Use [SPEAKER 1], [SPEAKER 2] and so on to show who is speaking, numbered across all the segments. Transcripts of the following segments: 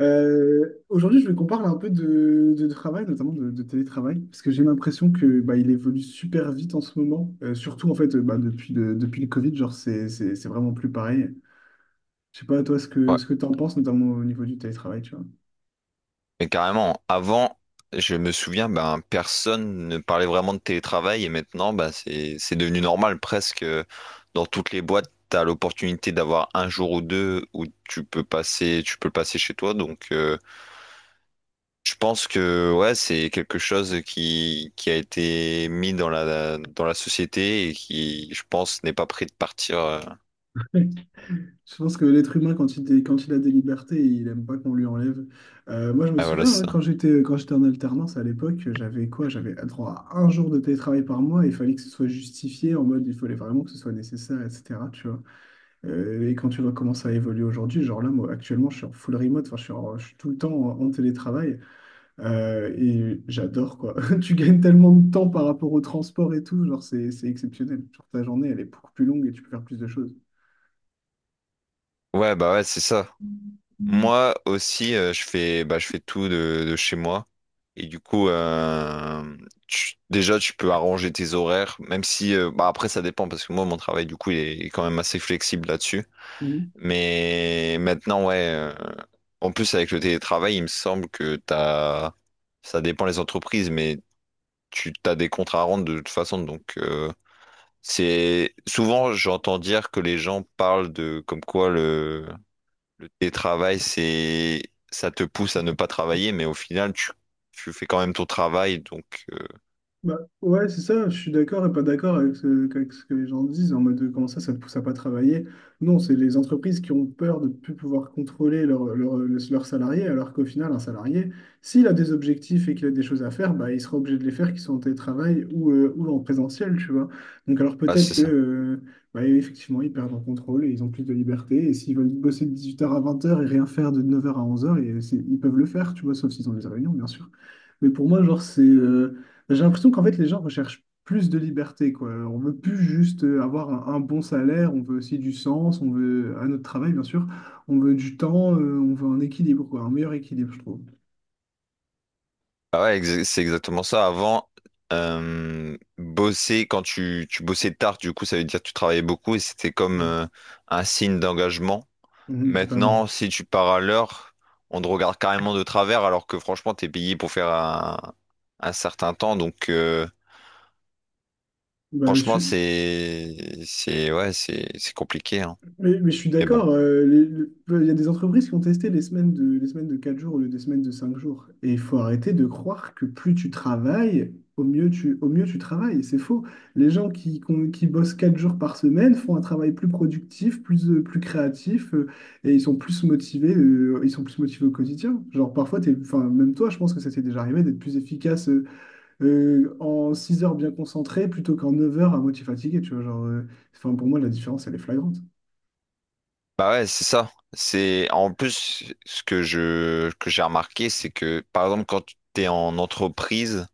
[SPEAKER 1] Aujourd'hui, je veux qu'on parle un peu de travail, notamment de télétravail, parce que j'ai l'impression que bah, il évolue super vite en ce moment. Surtout en fait, bah, depuis depuis le Covid, genre c'est vraiment plus pareil. Je sais pas toi
[SPEAKER 2] Ouais,
[SPEAKER 1] ce que t'en penses, notamment au niveau du télétravail, tu vois.
[SPEAKER 2] mais carrément, avant, je me souviens, ben, personne ne parlait vraiment de télétravail et maintenant, ben, c'est devenu normal presque. Dans toutes les boîtes, tu as l'opportunité d'avoir un jour ou deux où tu peux passer, tu peux le passer chez toi. Donc, je pense que ouais, c'est quelque chose qui a été mis dans la société et qui, je pense, n'est pas prêt de partir.
[SPEAKER 1] Ouais. Je pense que l'être humain, quand quand il a des libertés, il aime pas qu'on lui enlève. Moi, je me
[SPEAKER 2] Ouais, voilà,
[SPEAKER 1] souviens,
[SPEAKER 2] c'est
[SPEAKER 1] hein,
[SPEAKER 2] ça.
[SPEAKER 1] quand j'étais en alternance à l'époque, j'avais quoi? J'avais droit à 1 jour de télétravail par mois. Il fallait que ce soit justifié en mode, il fallait vraiment que ce soit nécessaire, etc. Tu vois. Et quand tu vois comment ça a évolué aujourd'hui, genre là, moi, actuellement, je suis en full remote, enfin, je suis tout le temps en télétravail et j'adore, quoi. Tu gagnes tellement de temps par rapport au transport et tout, genre, c'est exceptionnel. Genre, ta journée, elle est beaucoup plus longue et tu peux faire plus de choses.
[SPEAKER 2] Ouais, bah ouais, c'est ça. Moi aussi, je fais, bah, je fais tout de chez moi. Et du coup, déjà, tu peux arranger tes horaires, même si, bah, après, ça dépend, parce que moi, mon travail, du coup, il est quand même assez flexible là-dessus. Mais maintenant, ouais, en plus, avec le télétravail, il me semble que t'as, ça dépend les entreprises, mais tu t'as des contrats à rendre de toute façon. Donc, c'est souvent, j'entends dire que les gens parlent de comme quoi le télétravail, c'est, ça te pousse à ne pas travailler, mais au final, tu fais quand même ton travail, donc,
[SPEAKER 1] Bah, ouais, c'est ça, je suis d'accord et pas d'accord avec avec ce que les gens disent en mode de, comment ça, ça ne pousse à pas travailler. Non, c'est les entreprises qui ont peur de ne plus pouvoir contrôler leurs salariés, alors qu'au final, un salarié, s'il a des objectifs et qu'il a des choses à faire, bah, il sera obligé de les faire, qu'ils soient en télétravail ou en présentiel, tu vois. Donc, alors
[SPEAKER 2] ah,
[SPEAKER 1] peut-être
[SPEAKER 2] c'est
[SPEAKER 1] que,
[SPEAKER 2] ça.
[SPEAKER 1] bah, effectivement, ils perdent en contrôle et ils ont plus de liberté. Et s'ils veulent bosser de 18h à 20h et rien faire de 9h à 11h, ils peuvent le faire, tu vois, sauf s'ils ont des réunions, bien sûr. Mais pour moi, genre, c'est. J'ai l'impression qu'en fait, les gens recherchent plus de liberté, quoi. On veut plus juste avoir un bon salaire, on veut aussi du sens, on veut un autre travail, bien sûr. On veut du temps, on veut un équilibre, quoi, un meilleur équilibre, je trouve.
[SPEAKER 2] Ah ouais, c'est exactement ça. Avant, bosser, quand tu bossais tard, du coup, ça veut dire que tu travaillais beaucoup et c'était comme,
[SPEAKER 1] Mm.
[SPEAKER 2] un signe d'engagement.
[SPEAKER 1] Mhm,
[SPEAKER 2] Maintenant,
[SPEAKER 1] totalement.
[SPEAKER 2] si tu pars à l'heure, on te regarde carrément de travers, alors que franchement, t'es payé pour faire un certain temps, donc,
[SPEAKER 1] Bah,
[SPEAKER 2] franchement,
[SPEAKER 1] je,
[SPEAKER 2] c'est, ouais, c'est compliqué, hein.
[SPEAKER 1] Mais je suis
[SPEAKER 2] Mais bon.
[SPEAKER 1] d'accord, il y a des entreprises qui ont testé les semaines les semaines de 4 jours au lieu des semaines de 5 jours. Et il faut arrêter de croire que plus tu travailles, au mieux tu travailles. C'est faux. Les gens qui bossent 4 jours par semaine font un travail plus productif, plus créatif, et ils sont plus motivés, ils sont plus motivés au quotidien. Genre parfois, enfin, même toi, je pense que ça t'est déjà arrivé d'être plus efficace en 6 heures bien concentré plutôt qu'en 9 heures à moitié fatigué. Tu vois, enfin, pour moi, la différence, elle est flagrante.
[SPEAKER 2] Bah ouais, c'est ça. C'est en plus ce que j'ai remarqué, c'est que par exemple quand tu es en entreprise,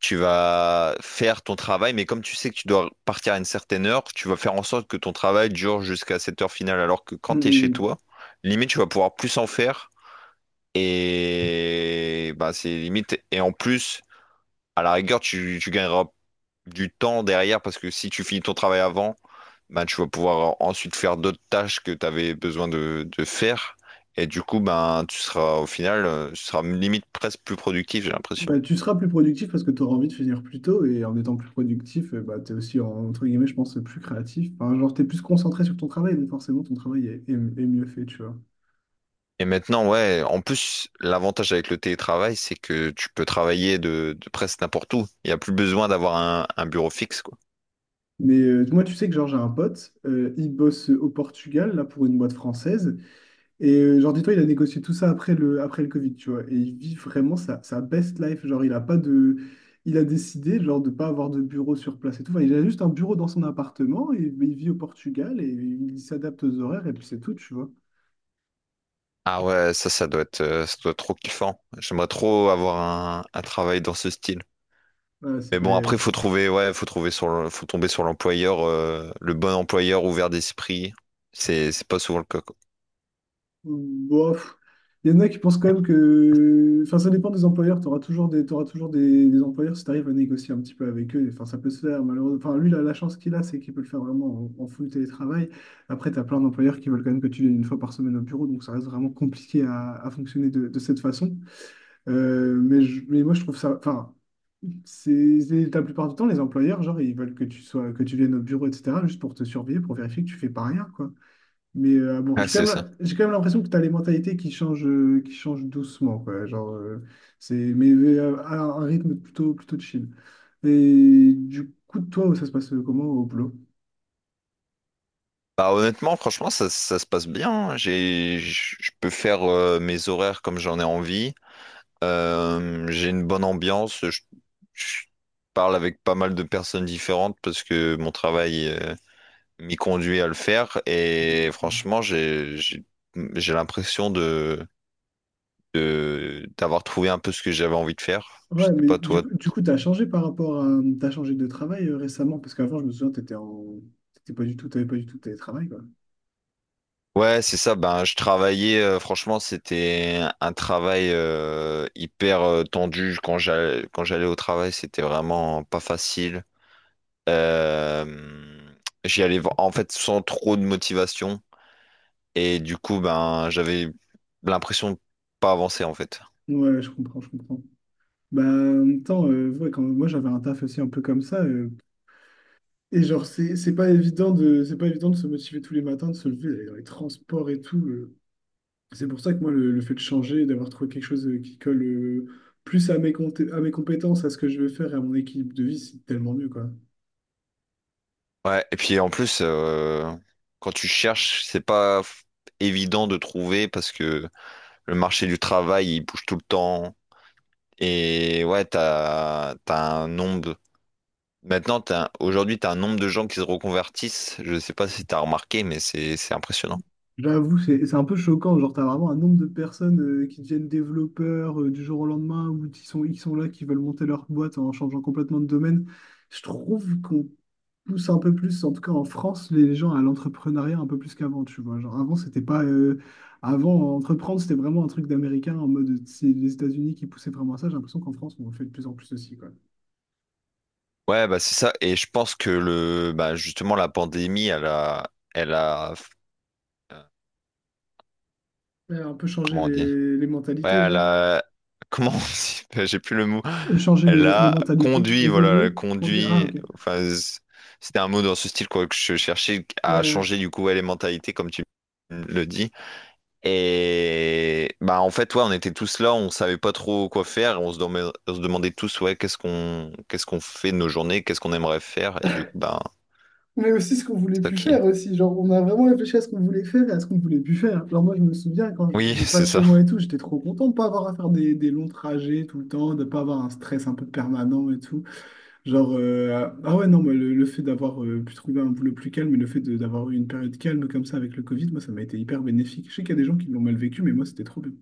[SPEAKER 2] tu vas faire ton travail, mais comme tu sais que tu dois partir à une certaine heure, tu vas faire en sorte que ton travail dure jusqu'à cette heure finale, alors que
[SPEAKER 1] Mm,
[SPEAKER 2] quand tu es chez
[SPEAKER 1] mm.
[SPEAKER 2] toi, limite tu vas pouvoir plus en faire et bah c'est limite et en plus à la rigueur tu, tu gagneras du temps derrière parce que si tu finis ton travail avant ben tu vas pouvoir ensuite faire d'autres tâches que tu avais besoin de faire. Et du coup, ben, tu seras au final, tu seras limite presque plus productif, j'ai l'impression.
[SPEAKER 1] Bah, tu seras plus productif parce que tu auras envie de finir plus tôt et en étant plus productif, bah, tu es aussi, entre guillemets, je pense, plus créatif. Enfin, genre, tu es plus concentré sur ton travail, donc forcément, ton travail est, est- est mieux fait, tu vois.
[SPEAKER 2] Et maintenant, ouais, en plus, l'avantage avec le télétravail, c'est que tu peux travailler de presque n'importe où. Il n'y a plus besoin d'avoir un bureau fixe, quoi.
[SPEAKER 1] Mais moi, tu sais que genre, j'ai un pote, il bosse au Portugal, là, pour une boîte française. Et genre, dis-toi, il a négocié tout ça après après le Covid, tu vois. Et il vit vraiment sa best life. Genre, il a pas de... Il a décidé, genre, de pas avoir de bureau sur place et tout. Enfin, il a juste un bureau dans son appartement, et, mais il vit au Portugal, et il s'adapte aux horaires, et puis c'est tout, tu vois.
[SPEAKER 2] Ah ouais, ça, ça doit être trop kiffant. J'aimerais trop avoir un travail dans ce style.
[SPEAKER 1] Ouais, c'est
[SPEAKER 2] Mais
[SPEAKER 1] pas...
[SPEAKER 2] bon, après, faut trouver, ouais, faut trouver sur, faut tomber sur l'employeur, le bon employeur ouvert d'esprit. C'est pas souvent le cas, quoi.
[SPEAKER 1] Bof. Il y en a qui pensent quand même que... Enfin, ça dépend des employeurs. Tu auras toujours des, T'auras toujours des employeurs si tu arrives à négocier un petit peu avec eux. Enfin, ça peut se faire, malheureusement. Enfin, lui, la chance qu'il a, c'est qu'il peut le faire vraiment en full télétravail. Après, tu as plein d'employeurs qui veulent quand même que tu viennes 1 fois par semaine au bureau. Donc, ça reste vraiment compliqué à fonctionner de cette façon. Mais moi, je trouve ça... Enfin, la plupart du temps, les employeurs, genre, ils veulent que que tu viennes au bureau, etc., juste pour te surveiller, pour vérifier que tu fais pas rien, quoi. Mais bon,
[SPEAKER 2] Ouais, c'est ça.
[SPEAKER 1] j'ai quand même l'impression que tu as les mentalités qui changent doucement, quoi. Genre, c'est, mais À un rythme plutôt chill. Et du coup, toi, ça se passe comment au boulot?
[SPEAKER 2] Bah, honnêtement, franchement, ça se passe bien, hein. J'ai, je peux faire mes horaires comme j'en ai envie. J'ai une bonne ambiance. Je parle avec pas mal de personnes différentes parce que mon travail m'y conduit à le faire. Et franchement, j'ai l'impression de, d'avoir trouvé un peu ce que j'avais envie de faire. Je
[SPEAKER 1] Ouais,
[SPEAKER 2] sais
[SPEAKER 1] mais
[SPEAKER 2] pas toi.
[SPEAKER 1] du coup, tu as changé par rapport à... Tu as changé de travail récemment, parce qu'avant, je me souviens, tu étais en... t'étais pas du tout, t'avais pas du tout de télétravail, quoi.
[SPEAKER 2] Ouais, c'est ça. Ben, je travaillais. Franchement, c'était un travail hyper tendu quand j'allais au travail. C'était vraiment pas facile. Euh, J'y allais en fait sans trop de motivation et du coup, ben, j'avais l'impression de pas avancer en fait.
[SPEAKER 1] Ouais, je comprends. Bah, en même temps, quand moi j'avais un taf aussi un peu comme ça, et genre, c'est pas évident c'est pas évident de se motiver tous les matins, de se lever, d'aller dans les transports et tout. C'est pour ça que moi, le fait de changer, d'avoir trouvé quelque chose qui colle plus à à mes compétences, à ce que je veux faire et à mon équilibre de vie, c'est tellement mieux, quoi.
[SPEAKER 2] Ouais, et puis en plus, quand tu cherches, c'est pas évident de trouver parce que le marché du travail, il bouge tout le temps. Et ouais, t'as, t'as un nombre. Maintenant, t'as, aujourd'hui, t'as un nombre de gens qui se reconvertissent. Je sais pas si t'as remarqué, mais c'est impressionnant.
[SPEAKER 1] J'avoue, c'est un peu choquant. Genre, t'as vraiment un nombre de personnes qui deviennent développeurs du jour au lendemain ou qui sont là, qui veulent monter leur boîte en changeant complètement de domaine. Je trouve qu'on pousse un peu plus, en tout cas en France, les gens à l'entrepreneuriat un peu plus qu'avant, tu vois. Genre avant, c'était pas. Avant, entreprendre, c'était vraiment un truc d'américain en mode c'est les États-Unis qui poussaient vraiment à ça. J'ai l'impression qu'en France, on le fait de plus en plus aussi, quoi.
[SPEAKER 2] Ouais, bah c'est ça. Et je pense que le, bah justement, la pandémie, euh,
[SPEAKER 1] Un peu changer
[SPEAKER 2] comment on dit?
[SPEAKER 1] les
[SPEAKER 2] Ouais,
[SPEAKER 1] mentalités,
[SPEAKER 2] elle
[SPEAKER 1] genre.
[SPEAKER 2] a... Comment on dit? J'ai plus le mot.
[SPEAKER 1] Changer
[SPEAKER 2] Elle
[SPEAKER 1] les
[SPEAKER 2] a
[SPEAKER 1] mentalités,
[SPEAKER 2] conduit, voilà, elle a
[SPEAKER 1] évoluer, conduire. Ah,
[SPEAKER 2] conduit.
[SPEAKER 1] ok.
[SPEAKER 2] Enfin, c'était un mot dans ce style, quoi, que je cherchais à
[SPEAKER 1] Ouais.
[SPEAKER 2] changer, du coup, ouais, les mentalités, comme tu le dis. Et bah, en fait, ouais, on était tous là, on savait pas trop quoi faire, on se demandait tous, ouais, qu'est-ce qu'on fait de nos journées, qu'est-ce qu'on aimerait faire, et du coup, bah,
[SPEAKER 1] Mais aussi ce qu'on voulait
[SPEAKER 2] c'est
[SPEAKER 1] plus
[SPEAKER 2] ok.
[SPEAKER 1] faire aussi. Genre, on a vraiment réfléchi à ce qu'on voulait faire et à ce qu'on voulait plus faire. Alors moi, je me souviens quand je
[SPEAKER 2] Oui,
[SPEAKER 1] bougeais pas de
[SPEAKER 2] c'est
[SPEAKER 1] chez
[SPEAKER 2] ça.
[SPEAKER 1] moi et tout, j'étais trop content de pas avoir à faire des longs trajets tout le temps, de pas avoir un stress un peu permanent et tout. Ouais, non, moi, le fait d'avoir pu trouver un boulot plus calme et le fait d'avoir eu une période calme comme ça avec le Covid, moi, ça m'a été hyper bénéfique. Je sais qu'il y a des gens qui l'ont mal vécu, mais moi, c'était trop bien.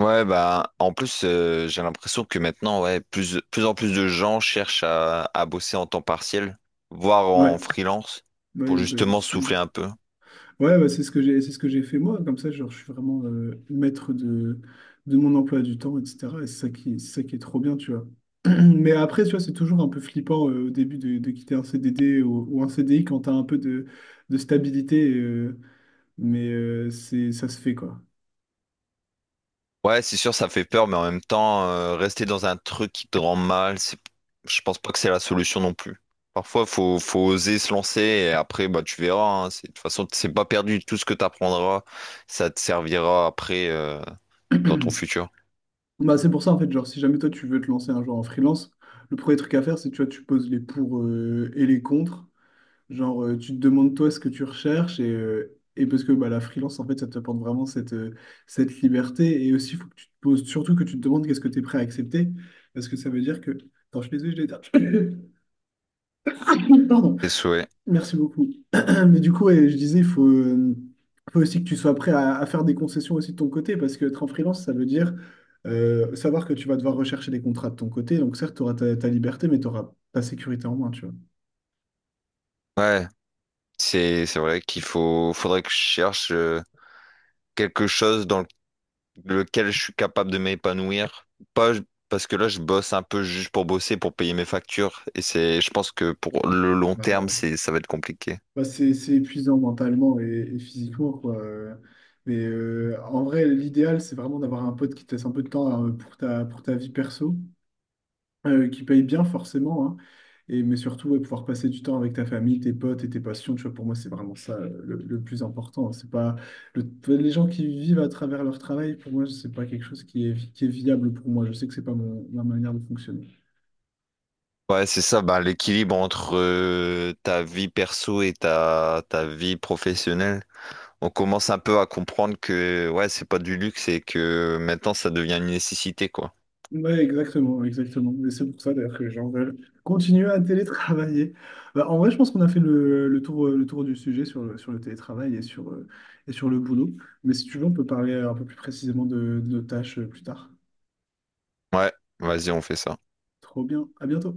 [SPEAKER 2] Ouais, bah, en plus, j'ai l'impression que maintenant, ouais, plus en plus de gens cherchent à bosser en temps partiel, voire
[SPEAKER 1] Ouais,
[SPEAKER 2] en freelance, pour
[SPEAKER 1] ouais, bah,
[SPEAKER 2] justement
[SPEAKER 1] justement.
[SPEAKER 2] souffler un peu.
[SPEAKER 1] Ouais, bah, c'est ce que j'ai, c'est ce que j'ai fait moi. Comme ça, genre, je suis vraiment maître de mon emploi du temps, etc. Et c'est ça qui est trop bien, tu vois. Mais après, tu vois, c'est toujours un peu flippant au début de quitter un CDD ou un CDI quand t'as un peu de stabilité. Mais c'est, ça se fait, quoi.
[SPEAKER 2] Ouais, c'est sûr, ça fait peur, mais en même temps, rester dans un truc qui te rend mal, c'est, je pense pas que c'est la solution non plus. Parfois, faut, faut oser se lancer et après, bah, tu verras, hein, c'est, de toute façon, c'est pas perdu. Tout ce que tu apprendras, ça te servira après, dans ton futur?
[SPEAKER 1] Bah, c'est pour ça, en fait, genre, si jamais toi, tu veux te lancer un jour en freelance, le premier truc à faire, c'est, tu vois, tu poses les pour et les contre. Tu te demandes toi ce que tu recherches et parce que bah, la freelance, en fait, ça t'apporte vraiment cette liberté. Et aussi, il faut que tu te poses, surtout que tu te demandes qu'est-ce que tu es prêt à accepter. Parce que ça veut dire que. Attends, je suis désolé, je l'ai éteint. Pardon.
[SPEAKER 2] Tes souhaits.
[SPEAKER 1] Merci beaucoup. Mais du coup, ouais, je disais, faut aussi que tu sois prêt à faire des concessions aussi de ton côté, parce que être en freelance, ça veut dire savoir que tu vas devoir rechercher des contrats de ton côté. Donc certes, tu auras ta liberté, mais tu auras ta sécurité en moins, tu vois.
[SPEAKER 2] Ouais, c'est vrai qu'il faut faudrait que je cherche quelque chose dans lequel je suis capable de m'épanouir. Pas parce que là je bosse un peu juste pour bosser, pour payer mes factures. Et c'est je pense que pour le long
[SPEAKER 1] Bah
[SPEAKER 2] terme,
[SPEAKER 1] non.
[SPEAKER 2] c'est ça va être compliqué.
[SPEAKER 1] Bah, c'est épuisant mentalement et physiquement, quoi. Mais en vrai, l'idéal, c'est vraiment d'avoir un pote qui te laisse un peu de temps pour pour ta vie perso, qui paye bien forcément, hein. Et, mais surtout, ouais, pouvoir passer du temps avec ta famille, tes potes et tes passions. Tu vois, pour moi, c'est vraiment ça le plus important. C'est pas le- Enfin, les gens qui vivent à travers leur travail, pour moi, c'est pas quelque chose qui est viable pour moi. Je sais que c'est pas ma manière de fonctionner.
[SPEAKER 2] Ouais, c'est ça, ben, l'équilibre entre ta vie perso et ta, ta vie professionnelle. On commence un peu à comprendre que ouais, c'est pas du luxe et que maintenant ça devient une nécessité, quoi.
[SPEAKER 1] Ouais, exactement, exactement. Mais c'est pour ça d'ailleurs que les gens veulent continuer à télétravailler. Bah, en vrai, je pense qu'on a fait le tour du sujet sur, sur le télétravail et et sur le boulot. Mais si tu veux, on peut parler un peu plus précisément de nos tâches plus tard.
[SPEAKER 2] Ouais, vas-y, on fait ça.
[SPEAKER 1] Trop bien, à bientôt.